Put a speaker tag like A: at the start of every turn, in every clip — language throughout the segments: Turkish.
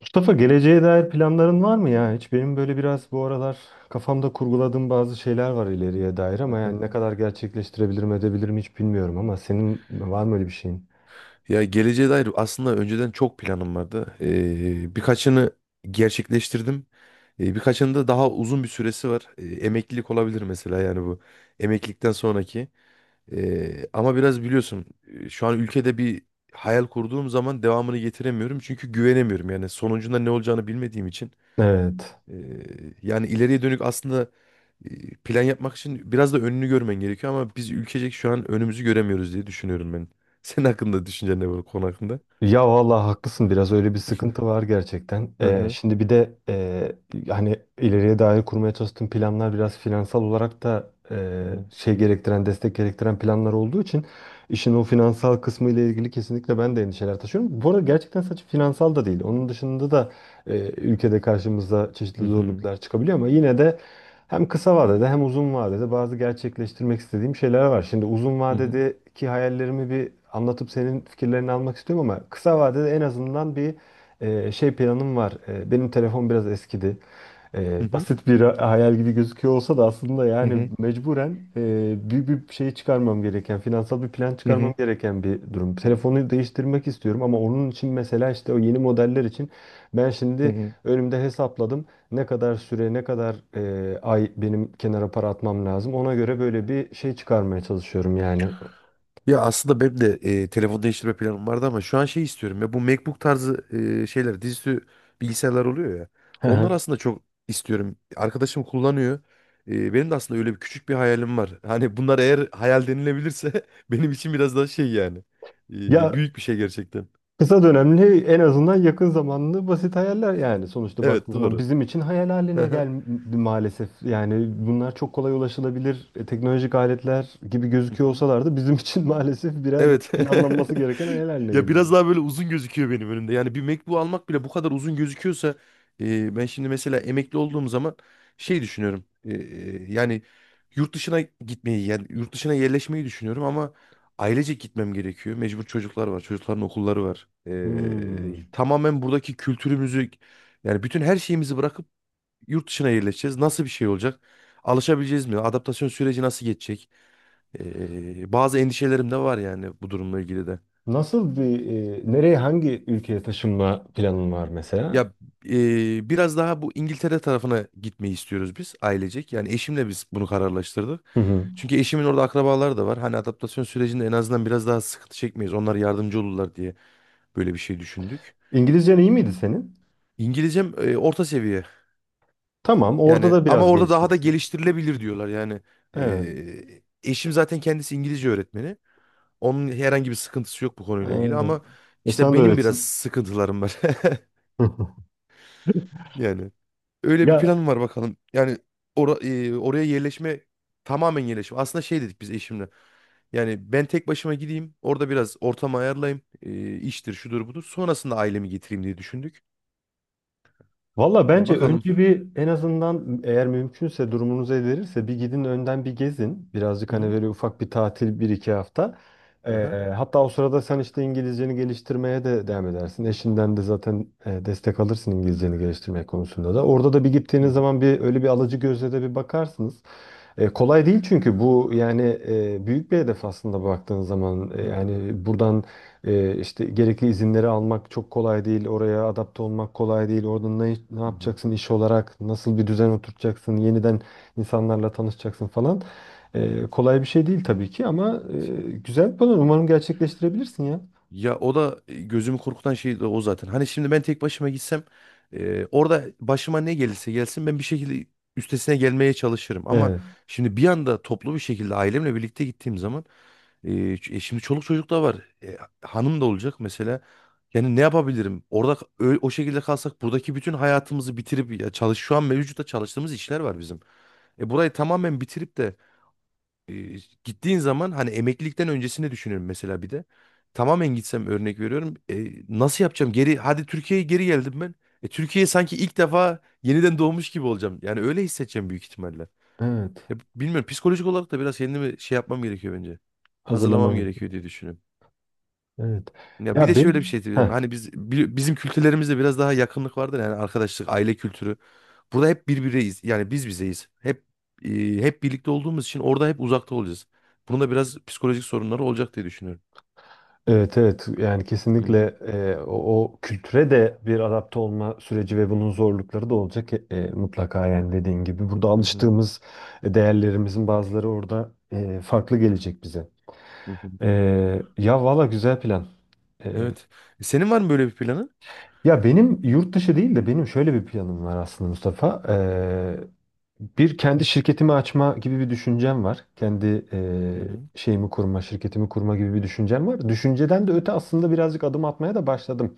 A: Mustafa geleceğe dair planların var mı ya? Hiç benim böyle biraz bu aralar kafamda kurguladığım bazı şeyler var ileriye dair ama
B: Aha.
A: yani ne kadar gerçekleştirebilirim edebilirim hiç bilmiyorum ama senin var mı öyle bir şeyin?
B: Ya geleceğe dair aslında önceden çok planım vardı. Birkaçını gerçekleştirdim. Birkaçının da daha uzun bir süresi var. Emeklilik olabilir mesela yani bu. Emeklilikten sonraki. Ama biraz biliyorsun şu an ülkede bir hayal kurduğum zaman devamını getiremiyorum. Çünkü güvenemiyorum yani sonucunda ne olacağını bilmediğim için.
A: Evet.
B: Ee, Yani ileriye dönük aslında plan yapmak için biraz da önünü görmen gerekiyor ama biz ülkecek şu an önümüzü göremiyoruz diye düşünüyorum ben. Senin hakkında düşüncen ne bu konu hakkında?
A: Ya vallahi haklısın biraz öyle bir sıkıntı var gerçekten.
B: Hı hı.
A: Şimdi bir de hani ileriye dair kurmaya çalıştığım planlar biraz finansal olarak da
B: Hı
A: şey gerektiren, destek gerektiren planlar olduğu için işin o finansal kısmı ile ilgili kesinlikle ben de endişeler taşıyorum. Bu arada gerçekten sadece finansal da değil. Onun dışında da ülkede karşımıza çeşitli
B: hı.
A: zorluklar çıkabiliyor ama yine de hem kısa vadede hem uzun vadede bazı gerçekleştirmek istediğim şeyler var. Şimdi uzun
B: Hı hı.
A: vadedeki hayallerimi bir anlatıp senin fikirlerini almak istiyorum ama kısa vadede en azından bir şey planım var. Benim telefon biraz eskidi.
B: Hı hı.
A: Basit bir hayal gibi gözüküyor olsa da aslında
B: Hı
A: yani
B: hı.
A: mecburen büyük bir şey çıkarmam gereken, finansal bir plan
B: Hı hı. Hı
A: çıkarmam
B: hı.
A: gereken bir durum. Telefonu değiştirmek istiyorum ama onun için mesela işte o yeni modeller için ben şimdi önümde hesapladım. Ne kadar süre, ne kadar ay benim kenara para atmam lazım. Ona göre böyle bir şey çıkarmaya çalışıyorum yani.
B: Ya aslında benim de telefon değiştirme planım vardı ama şu an şey istiyorum ya bu MacBook tarzı şeyler dizüstü bilgisayarlar oluyor ya.
A: Hı
B: Onlar
A: hı.
B: aslında çok istiyorum. Arkadaşım kullanıyor. Benim de aslında öyle bir küçük bir hayalim var. Hani bunlar eğer hayal denilebilirse benim için biraz daha şey yani.
A: Ya
B: Büyük bir şey gerçekten.
A: kısa dönemli en azından yakın zamanlı basit hayaller yani. Sonuçta baktığın
B: Evet
A: zaman
B: doğru.
A: bizim için hayal haline geldi maalesef. Yani bunlar çok kolay ulaşılabilir teknolojik aletler gibi gözüküyor olsalar da bizim için maalesef birer böyle
B: Evet.
A: planlanması gereken hayal haline
B: Ya
A: geliyor.
B: biraz daha böyle uzun gözüküyor benim önümde. Yani bir MacBook almak bile bu kadar uzun gözüküyorsa ben şimdi mesela emekli olduğum zaman şey düşünüyorum. Yani yurt dışına gitmeyi yani yurt dışına yerleşmeyi düşünüyorum ama ailecek gitmem gerekiyor. Mecbur çocuklar var. Çocukların okulları var.
A: Hmm.
B: Tamamen buradaki kültürümüzü yani bütün her şeyimizi bırakıp yurt dışına yerleşeceğiz. Nasıl bir şey olacak? Alışabileceğiz mi? Adaptasyon süreci nasıl geçecek? Bazı endişelerim de var yani bu durumla ilgili de.
A: Nasıl bir nereye hangi ülkeye taşınma planın var mesela?
B: Ya biraz daha bu İngiltere tarafına gitmeyi istiyoruz biz ailecek. Yani eşimle biz bunu kararlaştırdık.
A: Hı hı.
B: Çünkü eşimin orada akrabaları da var. Hani adaptasyon sürecinde en azından biraz daha sıkıntı çekmeyiz. Onlar yardımcı olurlar diye böyle bir şey düşündük.
A: İngilizcen iyi miydi senin?
B: İngilizcem orta seviye.
A: Tamam, orada
B: Yani
A: da
B: ama
A: biraz
B: orada daha da
A: geliştirirsin.
B: geliştirilebilir diyorlar. Yani
A: Evet.
B: eşim zaten kendisi İngilizce öğretmeni. Onun herhangi bir sıkıntısı yok bu konuyla ilgili ama
A: Ee, e,
B: işte
A: sana da
B: benim biraz
A: öğretsin.
B: sıkıntılarım var. Yani öyle bir
A: Ya
B: planım var bakalım. Yani oraya yerleşme tamamen yerleşme. Aslında şey dedik biz eşimle. Yani ben tek başıma gideyim. Orada biraz ortamı ayarlayayım. E, iştir şudur budur. Sonrasında ailemi getireyim diye düşündük.
A: valla
B: Yani
A: bence
B: bakalım.
A: önce bir en azından eğer mümkünse durumunuz el verirse bir gidin önden bir gezin. Birazcık
B: Hı
A: hani
B: hı.
A: böyle ufak bir tatil bir iki hafta. Ee,
B: Aha.
A: hatta o sırada sen işte İngilizceni geliştirmeye de devam edersin. Eşinden de zaten destek alırsın İngilizceni geliştirmek konusunda da. Orada da bir
B: Hı
A: gittiğiniz
B: hı.
A: zaman bir öyle bir alıcı gözle de bir bakarsınız. Kolay değil çünkü bu yani büyük bir hedef aslında baktığın zaman. E,
B: Hı hı.
A: yani buradan işte gerekli izinleri almak çok kolay değil. Oraya adapte olmak kolay değil. Orada ne
B: Hı hı.
A: yapacaksın iş olarak? Nasıl bir düzen oturtacaksın? Yeniden insanlarla tanışacaksın falan.
B: Hı hı.
A: Kolay bir şey değil tabii ki ama güzel bir plan. Umarım gerçekleştirebilirsin ya.
B: Ya o da gözümü korkutan şey de o zaten. Hani şimdi ben tek başıma gitsem orada başıma ne gelirse gelsin ben bir şekilde üstesine gelmeye çalışırım. Ama
A: Evet,
B: şimdi bir anda toplu bir şekilde ailemle birlikte gittiğim zaman şimdi çoluk çocuk da var. Hanım da olacak mesela. Yani ne yapabilirim? Orada o şekilde kalsak buradaki bütün hayatımızı bitirip ya çalış şu an mevcutta çalıştığımız işler var bizim. Burayı tamamen bitirip de e, gittiğin zaman hani emeklilikten öncesini düşünüyorum mesela bir de. Tamamen gitsem örnek veriyorum. Nasıl yapacağım? Geri hadi Türkiye'ye geri geldim ben. Türkiye'ye sanki ilk defa yeniden doğmuş gibi olacağım. Yani öyle hissedeceğim büyük ihtimalle.
A: evet.
B: Ya, bilmiyorum psikolojik olarak da biraz kendimi şey yapmam gerekiyor bence. Hazırlamam
A: Hazırlaman gibi.
B: gerekiyor diye düşünüyorum.
A: Evet.
B: Ya bir
A: Ya
B: de
A: ben.
B: şöyle bir şey diyebilirim.
A: Heh.
B: Hani biz bizim kültürlerimizde biraz daha yakınlık vardır yani arkadaşlık, aile kültürü. Burada hep birbiriyiz. Yani biz bizeyiz. E, Hep birlikte olduğumuz için orada hep uzakta olacağız. Bunun da biraz psikolojik sorunları olacak diye düşünüyorum.
A: Evet, evet, yani
B: Hı
A: kesinlikle
B: hı,
A: o kültüre de bir adapte olma süreci ve bunun zorlukları da olacak mutlaka yani dediğin gibi. Burada
B: hı hı,
A: alıştığımız değerlerimizin bazıları orada farklı gelecek bize.
B: hı hı.
A: E, ya valla güzel plan. E,
B: Evet. E, senin var mı böyle bir planın?
A: ya benim yurt dışı değil de benim şöyle bir planım var aslında Mustafa. Bir kendi şirketimi açma gibi bir düşüncem var. Kendi
B: Hı hı,
A: şeyimi kurma, şirketimi kurma gibi bir düşüncem var. Düşünceden de öte aslında birazcık adım atmaya da başladım.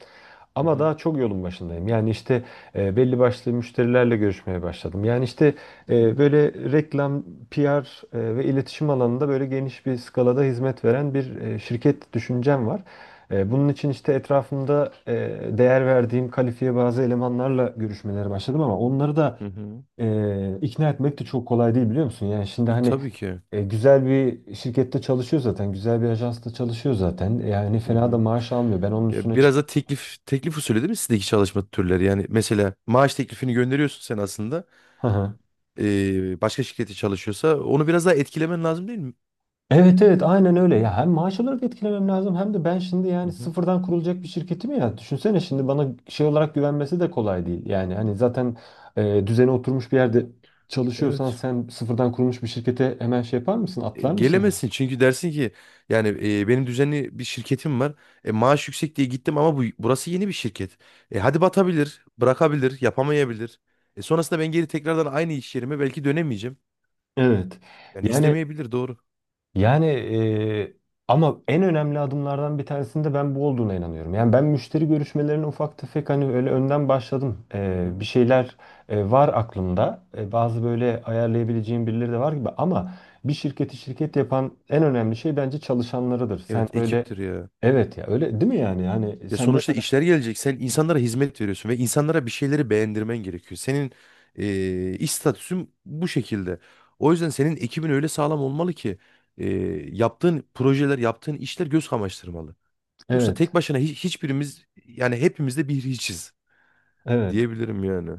B: hı
A: Ama
B: hı,
A: daha çok yolun başındayım. Yani işte belli başlı müşterilerle görüşmeye başladım. Yani işte
B: hı hı.
A: böyle reklam, PR ve iletişim alanında böyle geniş bir skalada hizmet veren bir şirket düşüncem var. Bunun için işte etrafımda değer verdiğim kalifiye bazı elemanlarla görüşmelere başladım ama onları da
B: Hı hı.
A: ikna etmek de çok kolay değil biliyor musun? Yani şimdi
B: E,
A: hani
B: tabii ki.
A: güzel bir şirkette çalışıyor zaten, güzel bir ajansta çalışıyor zaten. Yani
B: Hı
A: fena da
B: hı.
A: maaş almıyor. Ben onun
B: Ya
A: üstüne
B: biraz da
A: çıkmam.
B: teklif teklif usulü değil mi sizdeki çalışma türleri? Yani mesela maaş teklifini gönderiyorsun sen aslında.
A: Hı hı.
B: E, başka şirkette çalışıyorsa onu biraz daha etkilemen lazım değil mi?
A: Evet, evet, aynen öyle. Ya hem maaş olarak etkilemem lazım hem de ben şimdi
B: Hı
A: yani
B: hı.
A: sıfırdan kurulacak bir şirketim ya. Düşünsene şimdi bana şey olarak güvenmesi de kolay değil. Yani hani zaten düzene oturmuş bir yerde çalışıyorsan
B: Evet.
A: sen sıfırdan kurulmuş bir şirkete hemen şey yapar mısın?
B: E,
A: Atlar mısın?
B: gelemezsin çünkü dersin ki yani benim düzenli bir şirketim var. E, maaş yüksek diye gittim ama bu burası yeni bir şirket. E, hadi batabilir, bırakabilir, yapamayabilir. E, sonrasında ben geri tekrardan aynı iş yerime belki dönemeyeceğim.
A: Evet.
B: Yani
A: Yani
B: istemeyebilir doğru.
A: Yani e, ama en önemli adımlardan bir tanesinde ben bu olduğuna inanıyorum. Yani ben müşteri görüşmelerine ufak tefek hani öyle önden başladım.
B: Hı
A: E,
B: hı.
A: bir şeyler var aklımda. Bazı böyle ayarlayabileceğim birileri de var gibi ama bir şirketi şirket yapan en önemli şey bence çalışanlarıdır. Sen
B: Evet
A: böyle
B: ekiptir ya.
A: evet ya, öyle değil mi yani? Yani
B: Ya
A: sen ne
B: sonuçta
A: kadar.
B: işler gelecek. Sen insanlara hizmet veriyorsun ve insanlara bir şeyleri beğendirmen gerekiyor. Senin iş statüsün bu şekilde. O yüzden senin ekibin öyle sağlam olmalı ki e, yaptığın projeler, yaptığın işler göz kamaştırmalı. Yoksa tek
A: Evet.
B: başına hiçbirimiz yani hepimiz de bir hiçiz
A: Evet.
B: diyebilirim yani.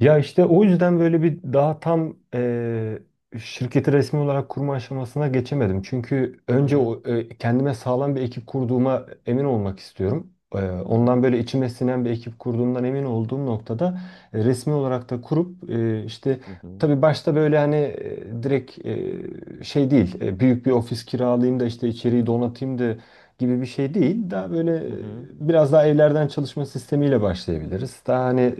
A: Ya işte o yüzden böyle bir daha tam şirketi resmi olarak kurma aşamasına geçemedim. Çünkü
B: Hı
A: önce
B: hı,
A: kendime sağlam bir ekip kurduğuma emin olmak istiyorum. Eee,
B: hı hı,
A: ondan böyle içime sinen bir ekip kurduğumdan emin olduğum noktada resmi olarak da kurup işte
B: hı
A: tabii başta böyle hani direkt şey değil büyük bir ofis kiralayayım da işte içeriği donatayım da gibi bir şey değil. Daha böyle
B: hı,
A: biraz daha evlerden çalışma sistemiyle başlayabiliriz. Daha hani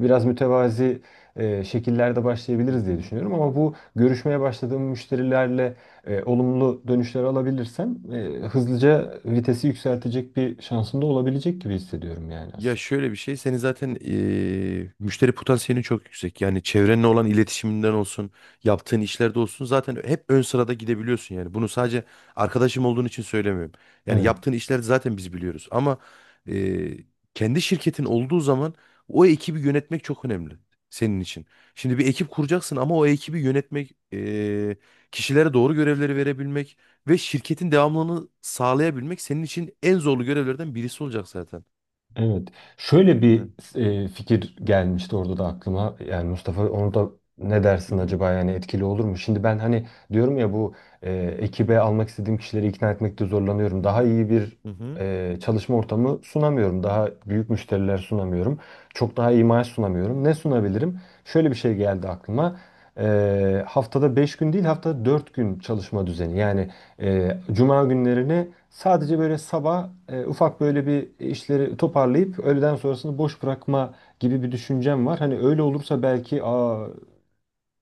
A: biraz mütevazi şekillerde
B: hı
A: başlayabiliriz diye
B: hı.
A: düşünüyorum. Ama bu görüşmeye başladığım müşterilerle olumlu dönüşler alabilirsem hızlıca vitesi yükseltecek bir şansım da olabilecek gibi hissediyorum yani
B: Ya
A: aslında.
B: şöyle bir şey, senin zaten müşteri potansiyelin çok yüksek. Yani çevrenle olan iletişiminden olsun, yaptığın işlerde olsun zaten hep ön sırada gidebiliyorsun yani. Bunu sadece arkadaşım olduğun için söylemiyorum. Yani yaptığın işleri zaten biz biliyoruz. Ama eee, kendi şirketin olduğu zaman o ekibi yönetmek çok önemli senin için. Şimdi bir ekip kuracaksın ama o ekibi yönetmek, kişilere doğru görevleri verebilmek ve şirketin devamlılığını sağlayabilmek senin için en zorlu görevlerden birisi olacak zaten.
A: Evet. Şöyle bir fikir gelmişti orada da aklıma. Yani Mustafa onu da ne
B: Hı
A: dersin
B: hı.
A: acaba yani etkili olur mu? Şimdi ben hani diyorum ya bu e, ekibe almak istediğim kişileri ikna etmekte zorlanıyorum. Daha iyi bir
B: Hı hı.
A: çalışma ortamı sunamıyorum. Daha büyük müşteriler sunamıyorum. Çok daha iyi maaş sunamıyorum. Ne sunabilirim? Şöyle bir şey geldi aklıma. Haftada 5 gün değil haftada 4 gün çalışma düzeni. Yani Cuma günlerini sadece böyle sabah ufak böyle bir işleri toparlayıp öğleden sonrasını boş bırakma gibi bir düşüncem var. Hani öyle olursa belki aa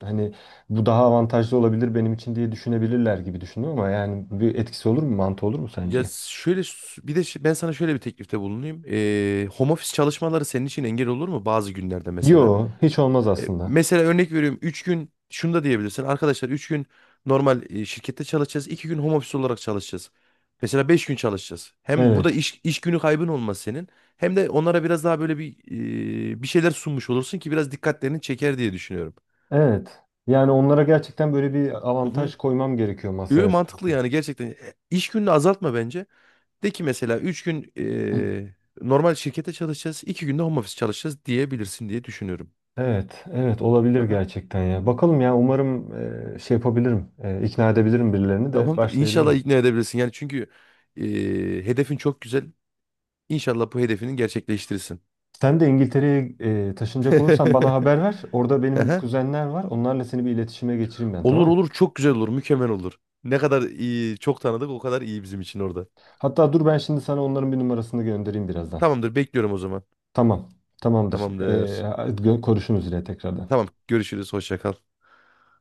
A: hani bu daha avantajlı olabilir benim için diye düşünebilirler gibi düşündüm ama yani bir etkisi olur mu, mantı olur mu
B: Ya
A: sence?
B: şöyle s- bir de şi- Ben sana şöyle bir teklifte bulunayım. Home office çalışmaları senin için engel olur mu bazı günlerde mesela?
A: Yo, hiç olmaz
B: E,
A: aslında.
B: mesela örnek veriyorum 3 gün şunu da diyebilirsin. Arkadaşlar 3 gün normal şirkette çalışacağız. İki gün home office olarak çalışacağız. Mesela 5 gün çalışacağız. Hem burada
A: Evet.
B: iş günü kaybın olmaz senin. Hem de onlara biraz daha böyle bir bir şeyler sunmuş olursun ki biraz dikkatlerini çeker diye düşünüyorum.
A: Evet. Yani onlara gerçekten böyle bir
B: Hı hı.
A: avantaj koymam gerekiyor
B: Yo,
A: masaya
B: mantıklı
A: sanki.
B: yani gerçekten. E, İş gününü azaltma bence. De ki mesela 3 gün normal şirkete çalışacağız, 2 günde home office çalışacağız diyebilirsin diye düşünüyorum.
A: Evet, evet, olabilir
B: Aha.
A: gerçekten ya. Bakalım ya umarım şey yapabilirim, ikna edebilirim birilerini de
B: Tamamdır. İnşallah
A: başlayabilirim.
B: ikna edebilirsin. Yani çünkü hedefin çok güzel. İnşallah bu hedefini gerçekleştirirsin.
A: Sen de İngiltere'ye taşınacak olursan bana haber ver. Orada benim
B: Aha.
A: kuzenler var. Onlarla seni bir iletişime geçireyim ben,
B: Olur
A: tamam mı?
B: olur çok güzel olur, mükemmel olur. Ne kadar iyi, çok tanıdık o kadar iyi bizim için orada.
A: Hatta dur ben şimdi sana onların bir numarasını göndereyim birazdan.
B: Tamamdır, bekliyorum o zaman.
A: Tamam, tamamdır. E,
B: Tamamdır.
A: gö- konuşuruz yine tekrardan.
B: Tamam, görüşürüz. Hoşça kal.